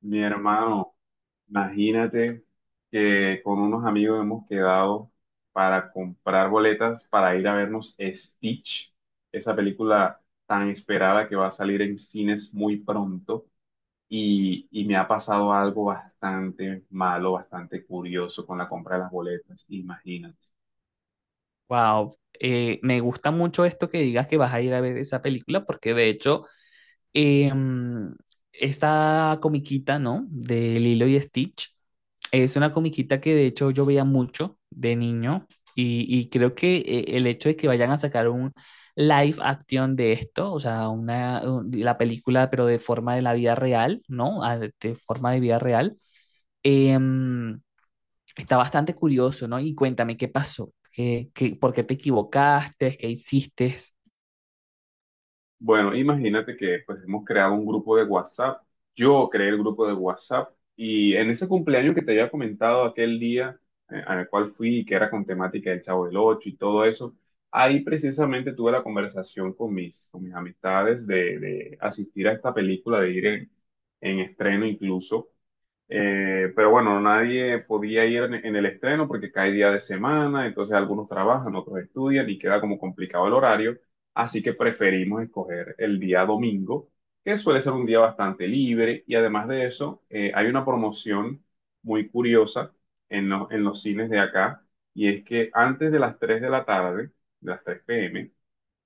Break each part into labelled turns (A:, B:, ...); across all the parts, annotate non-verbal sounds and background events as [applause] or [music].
A: Mi hermano, imagínate que con unos amigos hemos quedado para comprar boletas para ir a vernos Stitch, esa película tan esperada que va a salir en cines muy pronto. Y me ha pasado algo bastante malo, bastante curioso con la compra de las boletas, imagínate.
B: Wow, me gusta mucho esto que digas que vas a ir a ver esa película, porque de hecho, eh, mm, esta comiquita, ¿no? De Lilo y Stitch, es una comiquita que de hecho yo veía mucho de niño y creo que el hecho de que vayan a sacar un live action de esto, o sea, la película pero de forma de la vida real, ¿no? Ah, de forma de vida real. em, Está bastante curioso, ¿no? Y cuéntame qué pasó. Por qué te equivocaste, qué hiciste?
A: Bueno, imagínate que pues hemos creado un grupo de WhatsApp. Yo creé el grupo de WhatsApp y en ese cumpleaños que te había comentado aquel día al cual fui, que era con temática del Chavo del Ocho y todo eso. Ahí precisamente tuve la conversación con mis amistades de asistir a esta película, de ir en estreno incluso. Pero bueno, nadie podía ir en el estreno porque cae día de semana, entonces algunos trabajan, otros estudian y queda como complicado el horario, así que preferimos escoger el día domingo, que suele ser un día bastante libre y además de eso, hay una promoción muy curiosa en los cines de acá, y es que antes de las 3 de la tarde, de las 3 p. m.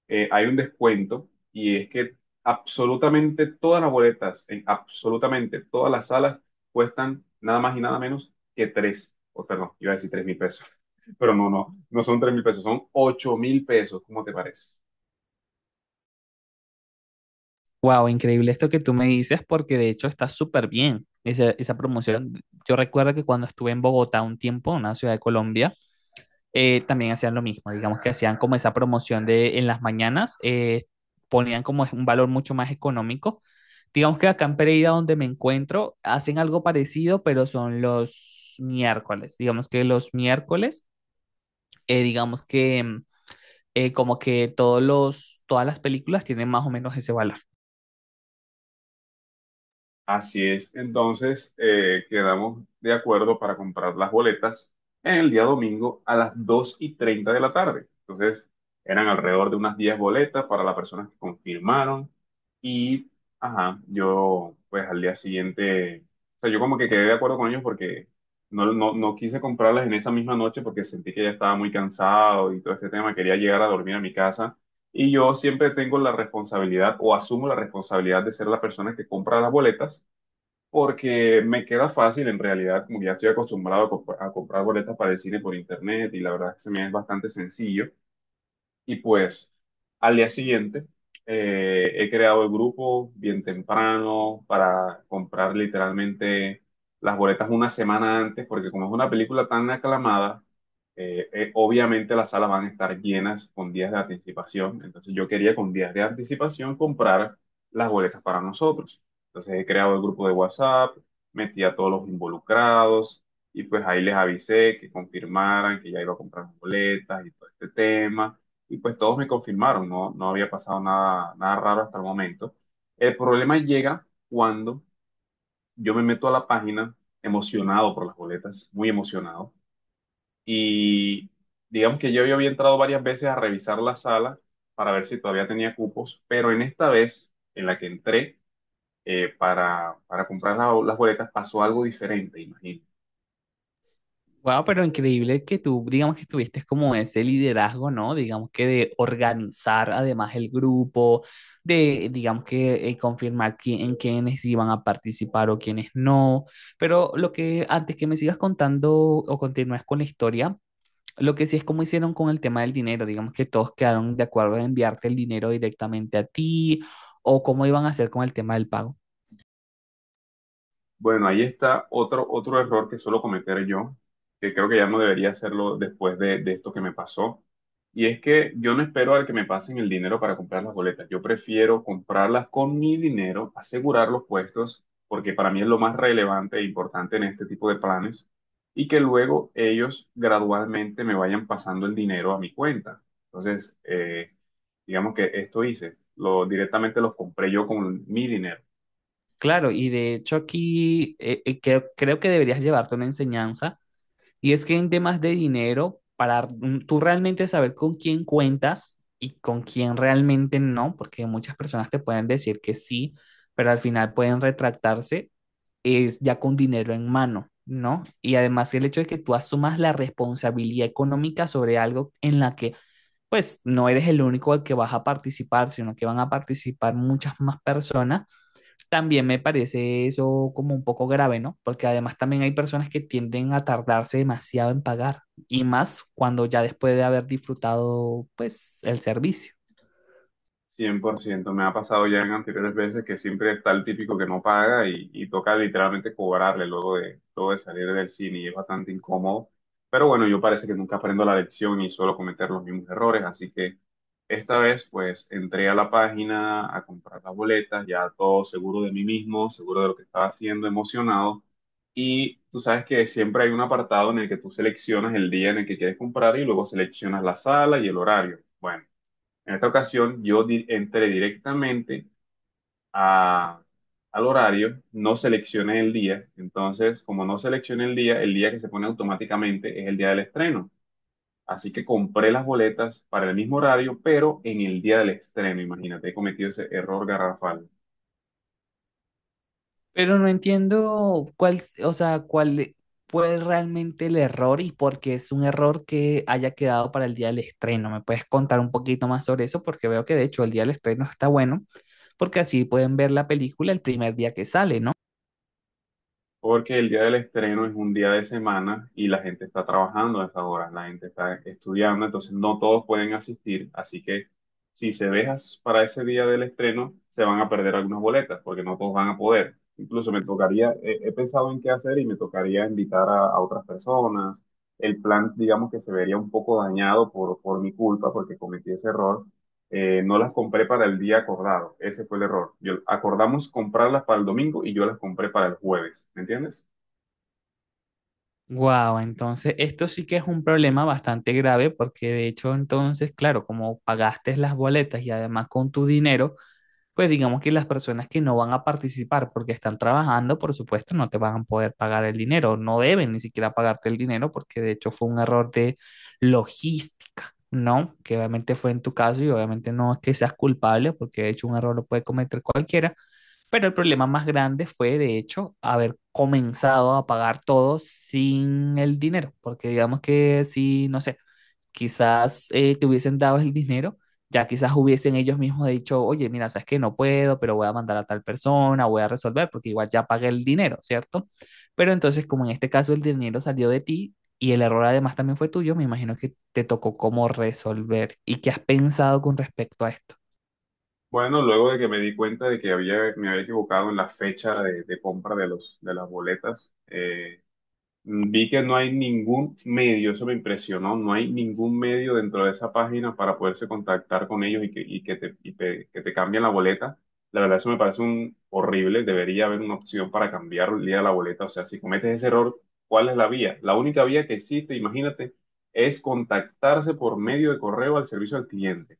A: hay un descuento, y es que absolutamente todas las boletas en absolutamente todas las salas cuestan nada más y nada menos que tres, o perdón, iba a decir 3.000 pesos, [laughs] pero no, no, no son 3.000 pesos, son 8.000 pesos. ¿Cómo te parece?
B: Wow, increíble esto que tú me dices, porque de hecho está súper bien esa promoción. Yo recuerdo que cuando estuve en Bogotá un tiempo, una ciudad de Colombia, también hacían lo mismo, digamos que hacían como esa promoción de en las mañanas, ponían como un valor mucho más económico. Digamos que acá en Pereira, donde me encuentro, hacen algo parecido, pero son los miércoles. Digamos que los miércoles, digamos que como que todas las películas tienen más o menos ese valor.
A: Así es. Entonces, quedamos de acuerdo para comprar las boletas en el día domingo a las 2:30 de la tarde. Entonces, eran alrededor de unas 10 boletas para las personas que confirmaron. Y, ajá, yo pues al día siguiente, o sea, yo como que quedé de acuerdo con ellos porque no, no, no quise comprarlas en esa misma noche porque sentí que ya estaba muy cansado y todo este tema. Quería llegar a dormir a mi casa. Y yo siempre tengo la responsabilidad, o asumo la responsabilidad de ser la persona que compra las boletas porque me queda fácil, en realidad, como que ya estoy acostumbrado a comprar boletas para el cine por internet, y la verdad es que se me es bastante sencillo. Y pues al día siguiente he creado el grupo bien temprano para comprar literalmente las boletas una semana antes, porque como es una película tan aclamada, obviamente las salas van a estar llenas con días de anticipación. Entonces yo quería con días de anticipación comprar las boletas para nosotros. Entonces he creado el grupo de WhatsApp, metí a todos los involucrados y pues ahí les avisé que confirmaran, que ya iba a comprar boletas y todo este tema, y pues todos me confirmaron. No, no había pasado nada, nada raro hasta el momento. El problema llega cuando yo me meto a la página emocionado por las boletas, muy emocionado, y digamos que yo ya había entrado varias veces a revisar la sala para ver si todavía tenía cupos, pero en esta vez en la que entré para comprar las boletas pasó algo diferente, imagínate.
B: Wow, pero increíble que tú, digamos que tuviste como ese liderazgo, ¿no? Digamos que de organizar además el grupo, de, digamos que confirmar en quiénes iban a participar o quiénes no. Pero lo que, antes que me sigas contando o continúes con la historia, lo que sí es cómo hicieron con el tema del dinero, digamos que todos quedaron de acuerdo en enviarte el dinero directamente a ti o cómo iban a hacer con el tema del pago.
A: Bueno, ahí está otro error que suelo cometer yo, que creo que ya no debería hacerlo después de esto que me pasó. Y es que yo no espero al que me pasen el dinero para comprar las boletas. Yo prefiero comprarlas con mi dinero, asegurar los puestos, porque para mí es lo más relevante e importante en este tipo de planes, y que luego ellos gradualmente me vayan pasando el dinero a mi cuenta. Entonces, digamos que esto hice, directamente los compré yo con mi dinero.
B: Claro, y de hecho aquí creo que deberías llevarte una enseñanza, y es que en temas de dinero, para tú realmente saber con quién cuentas y con quién realmente no, porque muchas personas te pueden decir que sí, pero al final pueden retractarse, es ya con dinero en mano, ¿no? Y además el hecho de que tú asumas la responsabilidad económica sobre algo en la que pues no eres el único al que vas a participar, sino que van a participar muchas más personas también me parece eso como un poco grave, ¿no? Porque además también hay personas que tienden a tardarse demasiado en pagar y más cuando ya después de haber disfrutado, pues, el servicio.
A: 100% me ha pasado ya en anteriores veces, que siempre está el típico que no paga y toca literalmente cobrarle luego de salir del cine, y es bastante incómodo. Pero bueno, yo parece que nunca aprendo la lección y suelo cometer los mismos errores, así que esta vez pues entré a la página a comprar las boletas, ya todo seguro de mí mismo, seguro de lo que estaba haciendo, emocionado. Y tú sabes que siempre hay un apartado en el que tú seleccionas el día en el que quieres comprar, y luego seleccionas la sala y el horario. Bueno. En esta ocasión yo entré directamente a- al horario, no seleccioné el día, entonces como no seleccioné el día que se pone automáticamente es el día del estreno. Así que compré las boletas para el mismo horario, pero en el día del estreno, imagínate, he cometido ese error garrafal.
B: Pero no entiendo cuál, o sea, cuál fue realmente el error y por qué es un error que haya quedado para el día del estreno. ¿Me puedes contar un poquito más sobre eso? Porque veo que de hecho el día del estreno está bueno, porque así pueden ver la película el primer día que sale, ¿no?
A: Porque el día del estreno es un día de semana y la gente está trabajando a esa hora, la gente está estudiando, entonces no todos pueden asistir, así que si se dejas para ese día del estreno, se van a perder algunas boletas, porque no todos van a poder. Incluso me tocaría, he pensado en qué hacer, y me tocaría invitar a otras personas. El plan, digamos que se vería un poco dañado por mi culpa, porque cometí ese error, no las compré para el día acordado. Ese fue el error. Yo, acordamos comprarlas para el domingo y yo las compré para el jueves. ¿Me entiendes?
B: Wow, entonces esto sí que es un problema bastante grave porque de hecho entonces, claro, como pagaste las boletas y además con tu dinero, pues digamos que las personas que no van a participar porque están trabajando, por supuesto, no te van a poder pagar el dinero, no deben ni siquiera pagarte el dinero porque de hecho fue un error de logística, ¿no? Que obviamente fue en tu caso y obviamente no es que seas culpable porque de hecho un error lo puede cometer cualquiera, pero el problema más grande fue, de hecho, haber comenzado a pagar todo sin el dinero, porque digamos que si, no sé, quizás te hubiesen dado el dinero, ya quizás hubiesen ellos mismos dicho, oye, mira, sabes que no puedo, pero voy a mandar a tal persona, voy a resolver, porque igual ya pagué el dinero, ¿cierto? Pero entonces, como en este caso el dinero salió de ti y el error además también fue tuyo, me imagino que te tocó cómo resolver y qué has pensado con respecto a esto.
A: Bueno, luego de que me di cuenta de que me había equivocado en la fecha de compra de de las boletas, vi que no hay ningún medio, eso me impresionó, no hay ningún medio dentro de esa página para poderse contactar con ellos, y que te cambien la boleta. La verdad, eso me parece un horrible, debería haber una opción para cambiar el día de la boleta. O sea, si cometes ese error, ¿cuál es la vía? La única vía que existe, imagínate, es contactarse por medio de correo al servicio al cliente.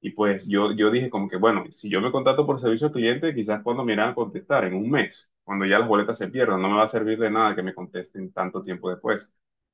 A: Y pues yo dije como que, bueno, si yo me contrato por servicio al cliente, quizás cuando me irán a contestar, en un mes, cuando ya las boletas se pierdan, no me va a servir de nada que me contesten tanto tiempo después.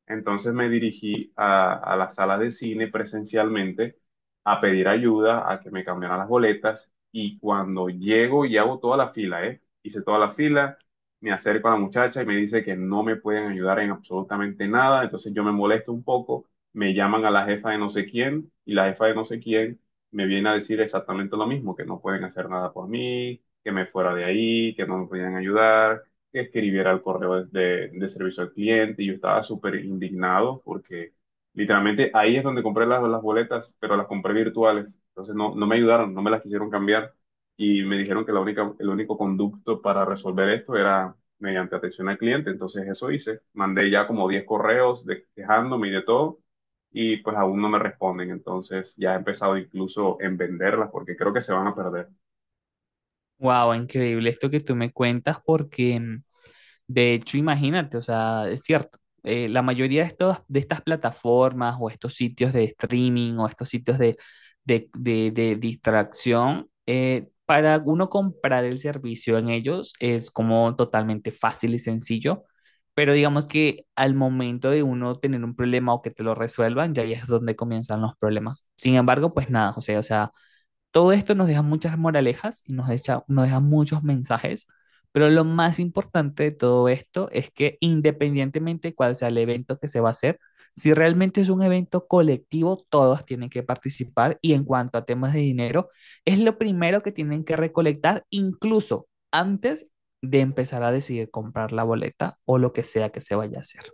A: Entonces me dirigí a la sala de cine presencialmente a pedir ayuda, a que me cambiaran las boletas, y cuando llego y hago toda la fila, ¿eh? Hice toda la fila, me acerco a la muchacha y me dice que no me pueden ayudar en absolutamente nada, entonces yo me molesto un poco, me llaman a la jefa de no sé quién, y la jefa de no sé quién me viene a decir exactamente lo mismo, que no pueden hacer nada por mí, que me fuera de ahí, que no me podían ayudar, que escribiera el correo de servicio al cliente, y yo estaba súper indignado porque literalmente ahí es donde compré las boletas, pero las compré virtuales, entonces no me ayudaron, no me las quisieron cambiar, y me dijeron que la única, el único conducto para resolver esto era mediante atención al cliente. Entonces eso hice, mandé ya como 10 correos quejándome y de todo, y pues aún no me responden. Entonces ya he empezado incluso en venderlas porque creo que se van a perder.
B: Wow, increíble esto que tú me cuentas porque de hecho, imagínate, o sea, es cierto, la mayoría de, de estas plataformas o estos sitios de streaming o estos sitios de distracción, para uno comprar el servicio en ellos es como totalmente fácil y sencillo, pero digamos que al momento de uno tener un problema o que te lo resuelvan, ya ahí es donde comienzan los problemas. Sin embargo, pues nada, José, o sea todo esto nos deja muchas moralejas y nos deja muchos mensajes, pero lo más importante de todo esto es que independientemente de cuál sea el evento que se va a hacer, si realmente es un evento colectivo, todos tienen que participar y en cuanto a temas de dinero, es lo primero que tienen que recolectar incluso antes de empezar a decidir comprar la boleta o lo que sea que se vaya a hacer.